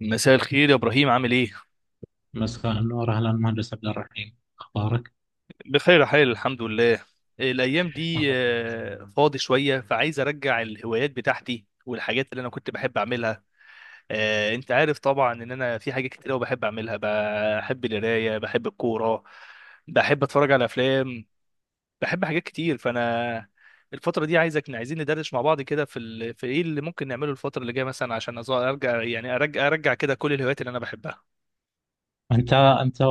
مساء الخير يا ابراهيم، عامل ايه؟ مساء النور، اهلا مهندس عبد الرحيم، اخبارك؟ بخير يا حال، الحمد لله. الايام دي الله يخليك. فاضي شويه، فعايز ارجع الهوايات بتاعتي والحاجات اللي انا كنت بحب اعملها. انت عارف طبعا ان انا في حاجات كتير قوي بحب اعملها، بحب القرايه، بحب الكوره، بحب اتفرج على افلام، بحب حاجات كتير. فانا الفتره دي عايزين ندردش مع بعض كده، في ايه اللي ممكن نعمله الفتره اللي جايه مثلا، عشان ارجع، يعني ارجع كده كل الهوايات اللي انا بحبها. انت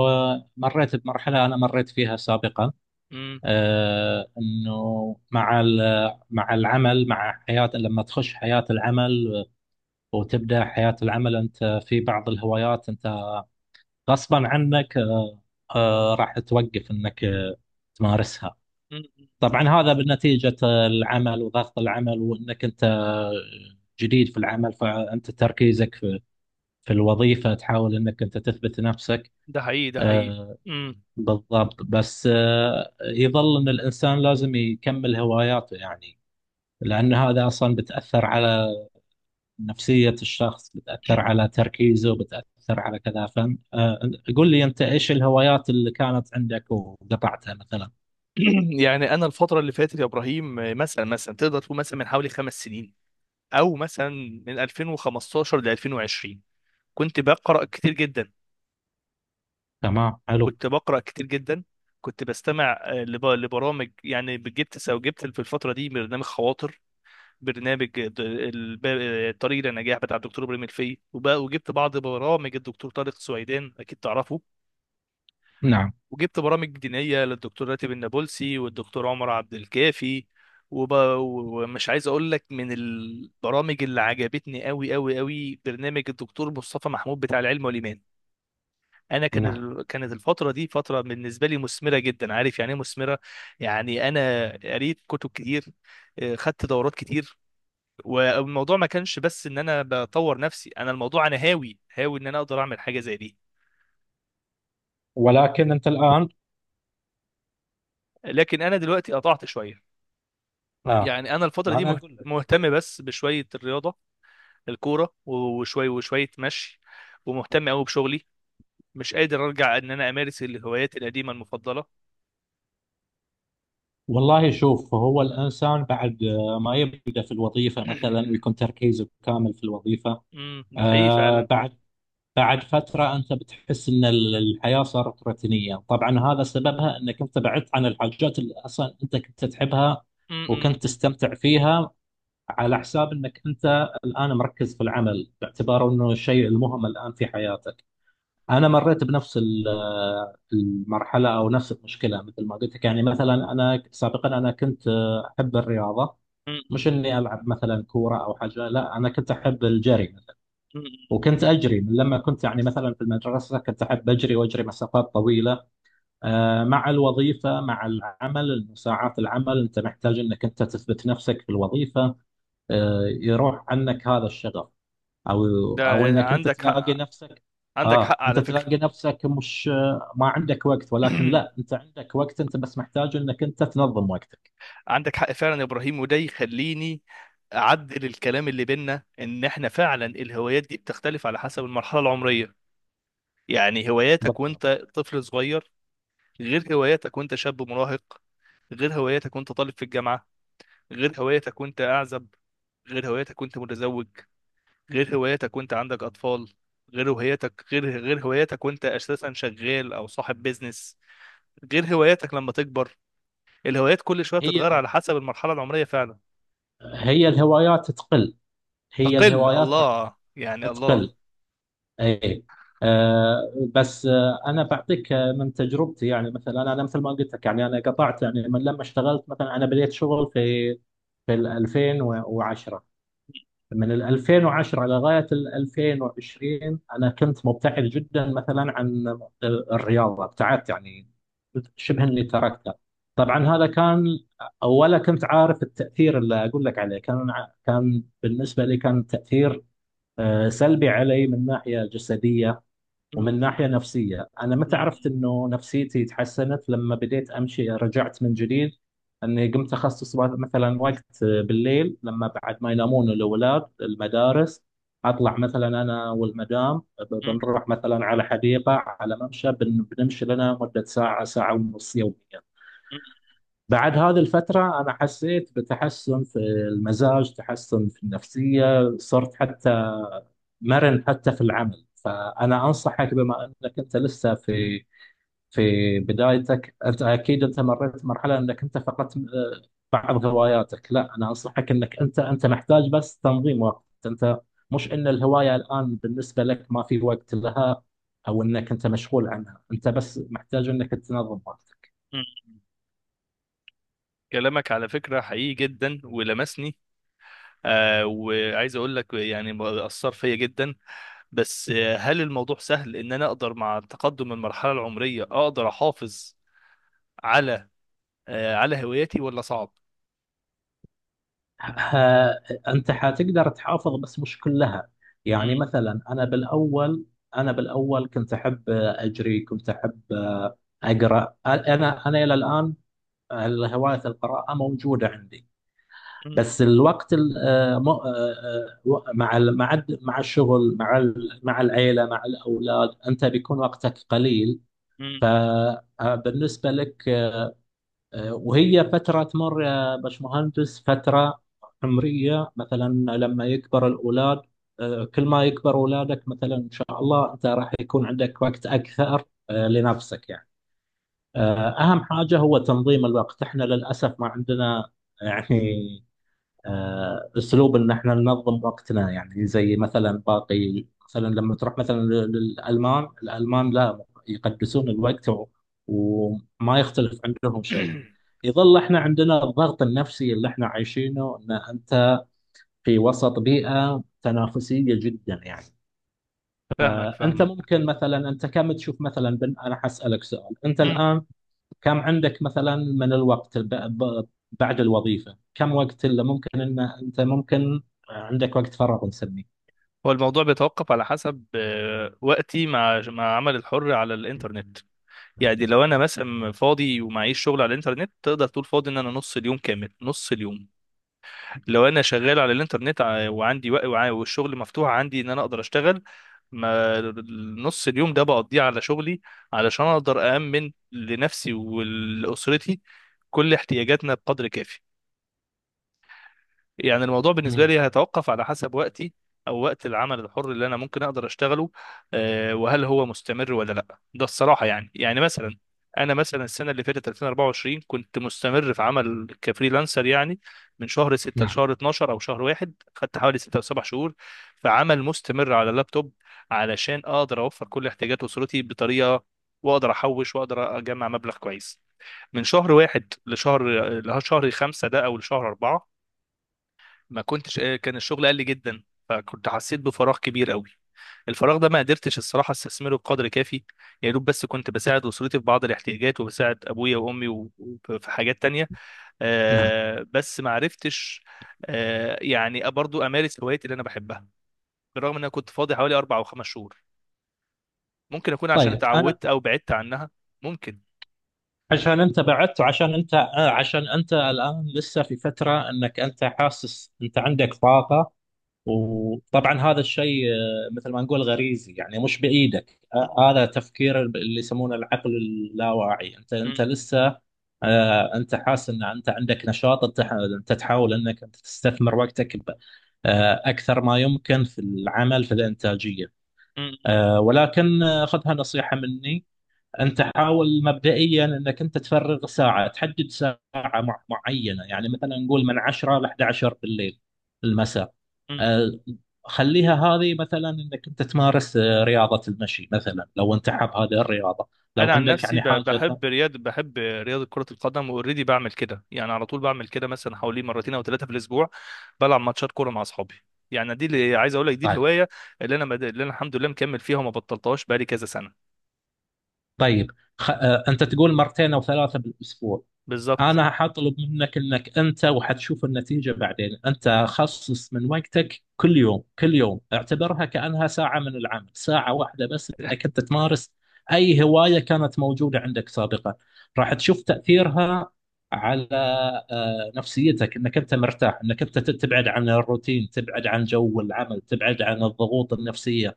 مريت بمرحله انا مريت فيها سابقا. انه مع العمل، مع حياه، لما تخش حياه العمل وتبدا حياه العمل انت في بعض الهوايات، انت غصبا عنك راح توقف انك تمارسها. امم طبعا هذا بنتيجه العمل وضغط العمل، وانك انت جديد في العمل، فانت تركيزك في الوظيفة تحاول انك انت تثبت نفسك. ده حقيقي، ده حقيقي. آه، امم بالضبط. بس يظل ان الانسان لازم يكمل هواياته، يعني لان هذا اصلا بتأثر على نفسية الشخص، بتأثر على تركيزه، بتأثر على كذا. فن قول لي انت ايش الهوايات اللي كانت عندك وقطعتها مثلا؟ يعني انا الفتره اللي فاتت يا ابراهيم، مثلا تقدر تقول مثلا من حوالي خمس سنين، او مثلا من 2015 ل 2020، كنت بقرا كتير جدا، تمام، حلو. كنت بقرا كتير جدا كنت بستمع لبرامج. يعني جبت في الفتره دي برنامج خواطر، برنامج طريق للنجاح بتاع الدكتور ابراهيم الفقي، وجبت بعض برامج الدكتور طارق سويدان، اكيد تعرفه. نعم. وجبت برامج دينية للدكتور راتب النابلسي والدكتور عمر عبد الكافي. ومش عايز اقول لك، من البرامج اللي عجبتني قوي قوي قوي برنامج الدكتور مصطفى محمود بتاع العلم والايمان. انا نعم. كانت الفتره دي فتره بالنسبه لي مثمره جدا، عارف يعني ايه مثمره؟ يعني انا قريت كتب كتير، خدت دورات كتير، والموضوع ما كانش بس ان انا بطور نفسي، انا الموضوع انا هاوي ان انا اقدر اعمل حاجه زي دي. ولكن انت الان؟ لكن انا دلوقتي قطعت شويه. آه. يعني انا الفتره ما دي انا اقول لك. مهتم بس بشويه الرياضه، الكوره، وشويه وشويه مشي، ومهتم قوي بشغلي. مش قادر ارجع ان انا امارس الهوايات القديمه المفضله. والله شوف، هو الإنسان بعد ما يبدأ في الوظيفة مثلا ويكون تركيزه كامل في الوظيفة، ده حقيقي فعلا. آه، بعد بعد فترة أنت بتحس أن الحياة صارت روتينية. طبعا هذا سببها أنك أنت بعدت عن الحاجات اللي أصلا أنت كنت تحبها امم وكنت تستمتع فيها، على حساب أنك أنت الآن مركز في العمل باعتباره أنه الشيء المهم الآن في حياتك. انا مريت بنفس المرحله او نفس المشكله، مثل ما قلت لك. يعني مثلا انا سابقا انا كنت احب الرياضه، امم مش اني العب مثلا كوره او حاجه، لا انا كنت احب الجري مثلا، وكنت اجري من لما كنت يعني مثلا في المدرسه، كنت احب اجري واجري مسافات طويله. مع الوظيفه مع العمل ساعات العمل انت محتاج انك انت تثبت نفسك في الوظيفه. يروح عنك هذا الشغف. او ده انك انت عندك تلاقي حق، نفسك. عندك اه حق انت على فكره. تلاقي نفسك مش ما عندك وقت، ولكن لا، انت عندك وقت، انت بس محتاج انك انت تنظم وقتك. عندك حق فعلا يا ابراهيم، وده يخليني اعدل الكلام اللي بينا، ان احنا فعلا الهوايات دي بتختلف على حسب المرحله العمريه. يعني هواياتك بالضبط. وانت طفل صغير، غير هواياتك وانت شاب مراهق، غير هواياتك وانت طالب في الجامعة، غير هواياتك وانت أعزب، غير هواياتك وانت متزوج، غير هواياتك وانت عندك أطفال، غير هواياتك، غير هواياتك وانت أساسا شغال أو صاحب بيزنس، غير هواياتك لما تكبر. الهوايات كل شوية بتتغير هي على حسب المرحلة العمرية فعلا. هي الهوايات تقل. هي تقل، الهوايات راح الله راح يعني الله. تقل. اي. آه. بس انا بعطيك من تجربتي. يعني مثلا أنا مثل ما قلت لك، يعني انا قطعت يعني من لما اشتغلت، مثلا انا بديت شغل في في ال 2010. من ال 2010 على غاية ال 2020 أنا كنت مبتعد جدا مثلا عن الرياضة. ابتعدت، يعني شبه إني تركتها. طبعا هذا كان، ولا كنت عارف التأثير اللي أقول لك عليه، كان كان بالنسبة لي كان تأثير سلبي علي من ناحية جسدية م- ومن ناحية نفسية. أنا متى عرفت م- إنه نفسيتي تحسنت لما بديت أمشي، رجعت من جديد، أني قمت أخصص مثلا وقت بالليل، لما بعد ما ينامون الأولاد المدارس أطلع مثلا أنا والمدام، م- بنروح مثلا على حديقة على ممشى، بنمشي لنا مدة ساعة ساعة ونص يوميا. م- بعد هذه الفترة أنا حسيت بتحسن في المزاج، تحسن في النفسية، صرت حتى مرن حتى في العمل. فأنا أنصحك بما أنك أنت لسه في في بدايتك، أنت أكيد أنت مريت مرحلة أنك أنت فقدت بعض هواياتك. لا، أنا أنصحك أنك أنت محتاج بس تنظيم وقت. أنت مش أن الهواية الآن بالنسبة لك ما في وقت لها أو أنك أنت مشغول عنها، أنت بس محتاج أنك تنظم وقتك. م- كلامك على فكرة حقيقي جدا ولمسني. وعايز اقول لك يعني اثر فيا جدا. بس هل الموضوع سهل ان انا اقدر مع تقدم المرحله العمريه اقدر احافظ على على هواياتي، ولا صعب؟ ها، انت حتقدر تحافظ بس مش كلها. يعني مم. مثلا انا بالاول كنت احب اجري، كنت احب اقرا. انا الى الان هوايه القراءه موجوده عندي. بس مم. الوقت ال- آه، م- آه، آه، مع ال- مع الد- مع الشغل، مع العيله، مع الاولاد، انت بيكون وقتك قليل. مم. فبالنسبه لك وهي فترة تمر يا باشمهندس، فترة عمرية مثلا. لما يكبر الأولاد، كل ما يكبر أولادك مثلا إن شاء الله، أنت راح يكون عندك وقت أكثر لنفسك. يعني أهم حاجة هو تنظيم الوقت. إحنا للأسف ما عندنا يعني اسلوب ان احنا ننظم وقتنا، يعني زي مثلا باقي، مثلا لما تروح مثلا للالمان، الالمان لا يقدسون الوقت وما يختلف عندهم شيء. يظل احنا عندنا الضغط النفسي اللي احنا عايشينه، ان انت في وسط بيئة تنافسية جدا. يعني فاهمك، انت فاهمك. ممكن مثلا، انت كم تشوف مثلا بن، انا حسألك سؤال، انت مم. الان كم عندك مثلا من الوقت بعد الوظيفة؟ كم وقت اللي ممكن ان انت ممكن عندك وقت فراغ نسميه؟ هو الموضوع بيتوقف على حسب وقتي مع عمل الحر على الانترنت. يعني لو انا مثلا فاضي ومعيش شغل على الانترنت، تقدر تقول فاضي ان انا نص اليوم كامل، نص اليوم لو انا شغال على الانترنت والشغل مفتوح عندي ان انا اقدر اشتغل، ما نص اليوم ده بقضيه على شغلي علشان اقدر أأمن لنفسي ولأسرتي كل احتياجاتنا بقدر كافي. يعني الموضوع بالنسبة مم. لي هيتوقف على حسب وقتي، أو وقت العمل الحر اللي أنا ممكن أقدر أشتغله. وهل هو مستمر ولا لأ؟ ده الصراحة يعني مثلا، أنا مثلا السنة اللي فاتت 2024 كنت مستمر في عمل كفريلانسر، يعني من شهر 6 نعم. لشهر 12، أو شهر واحد خدت حوالي 6 أو 7 شهور في عمل مستمر على اللابتوب، علشان أقدر أوفر كل احتياجات أسرتي بطريقة، وأقدر أحوش وأقدر أجمع مبلغ كويس. من شهر واحد لشهر، خمسة ده أو لشهر أربعة، ما كنتش، كان الشغل قل جدا، فكنت حسيت بفراغ كبير قوي. الفراغ ده ما قدرتش الصراحه استثمره بقدر كافي. يا دوب بس كنت بساعد اسرتي في بعض الاحتياجات وبساعد ابويا وامي، وفي حاجات تانية. نعم. بس ما عرفتش يعني برضو امارس هوايتي اللي انا بحبها، بالرغم ان انا كنت فاضي حوالي اربع او خمس شهور. ممكن اكون عشان طيب انا، اتعودت او بعدت عنها، ممكن. عشان انت بعدت وعشان انت عشان انت الان لسه في فترة، انك انت حاسس انت عندك طاقة. وطبعا هذا الشيء مثل ما نقول غريزي، يعني مش بايدك. هذا تفكير اللي يسمونه العقل اللاواعي. انت لسه انت حاسس ان انت عندك نشاط، انت انت تحاول انك انت تستثمر وقتك اكثر ما يمكن في العمل، في الانتاجيه. ولكن خذها نصيحه مني. انت حاول مبدئيا انك انت تفرغ ساعه، تحدد ساعه معينه، يعني مثلا نقول من 10 ل 11 بالليل المساء. آه، خليها هذه مثلا انك انت تمارس رياضه المشي مثلا، لو انت حاب هذه الرياضه، لو انا عن عندك نفسي يعني حاجه بحب رياضه كره القدم، واوريدي بعمل كده يعني على طول بعمل كده مثلا حوالي مرتين او ثلاثه في الاسبوع، بلعب ماتشات كوره مع اصحابي. يعني دي اللي عايز اقول لك، دي طيب. الهوايه اللي انا الحمد لله مكمل فيها وما بطلتهاش بقالي كذا سنه. طيب. خ... آه، انت تقول مرتين او ثلاثه بالاسبوع. بالظبط. انا حطلب منك انك انت، وحتشوف النتيجه بعدين، انت خصص من وقتك كل يوم، كل يوم اعتبرها كانها ساعه من العمل، ساعه واحده بس، انك انت تمارس اي هوايه كانت موجوده عندك سابقا. راح تشوف تاثيرها على نفسيتك، انك انت مرتاح، انك انت تبعد عن الروتين، تبعد عن جو العمل، تبعد عن الضغوط النفسيه،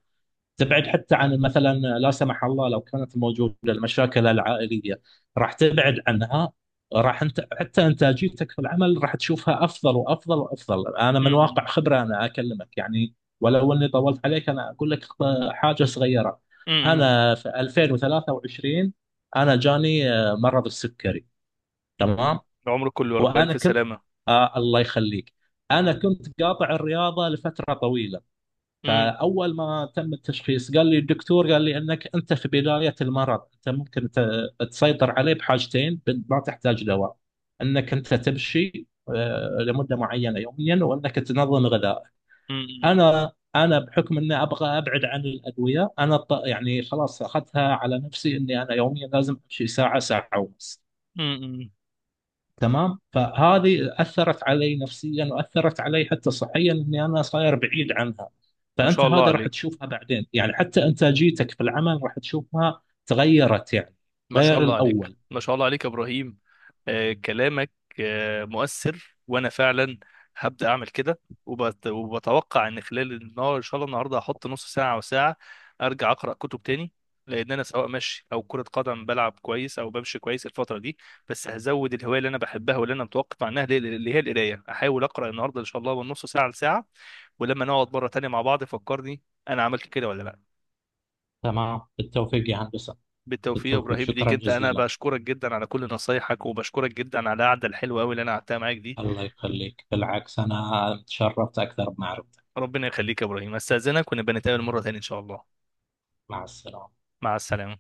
تبعد حتى عن مثلا، لا سمح الله، لو كانت موجوده المشاكل العائليه، راح تبعد عنها. راح انت حتى انتاجيتك في العمل راح تشوفها افضل وافضل وافضل. انا من م- واقع خبره انا اكلمك، يعني ولو اني طولت عليك. انا اقول لك حاجه صغيره. م- م- م. انا في 2023 انا جاني مرض السكري، تمام؟ عمرك كله يا رب، وانا الف كنت، سلامه. آه الله يخليك، انا كنت قاطع الرياضه لفتره طويله. م- فاول ما تم التشخيص قال لي الدكتور، قال لي انك انت في بدايه المرض، انت ممكن تسيطر عليه بحاجتين، ما تحتاج دواء. انك انت تمشي لمده معينه يوميا، وانك تنظم غذائك. م- انا بحكم اني ابغى ابعد عن الادويه، انا يعني خلاص اخذتها على نفسي، اني انا يوميا لازم امشي ساعه ساعه ونص. م- م- م. تمام، فهذه اثرت علي نفسيا واثرت علي حتى صحيا، اني انا صاير بعيد عنها. ما فانت شاء الله هذا راح عليك، تشوفها بعدين، يعني حتى انتاجيتك في العمل راح تشوفها تغيرت يعني، ما شاء غير الله عليك، الاول. ما شاء الله عليك يا ابراهيم. كلامك مؤثر، وانا فعلا هبدا اعمل كده. وبتوقع ان خلال النهار ان شاء الله النهارده هحط نص ساعه او ساعه ارجع اقرا كتب تاني. لان انا سواء مشي او كره قدم بلعب كويس او بمشي كويس الفتره دي، بس هزود الهوايه اللي انا بحبها واللي انا متوقف عنها، اللي هي القرايه. احاول اقرا النهارده ان شاء الله من نص ساعه لساعه. ولما نقعد مره تانيه مع بعض فكرني انا عملت كده ولا لا. تمام، بالتوفيق يا هندسه. بالتوفيق يا بالتوفيق، ابراهيم، ليك شكرا انت، انا جزيلا. بشكرك جدا على كل نصايحك، وبشكرك جدا على القعده الحلوه قوي اللي انا قعدتها معاك دي. الله يخليك، بالعكس انا تشرفت اكثر بمعرفتك. ربنا يخليك يا ابراهيم، استاذنك ونبقى نتقابل مره تانية ان شاء الله. مع السلامه. مع السلامه.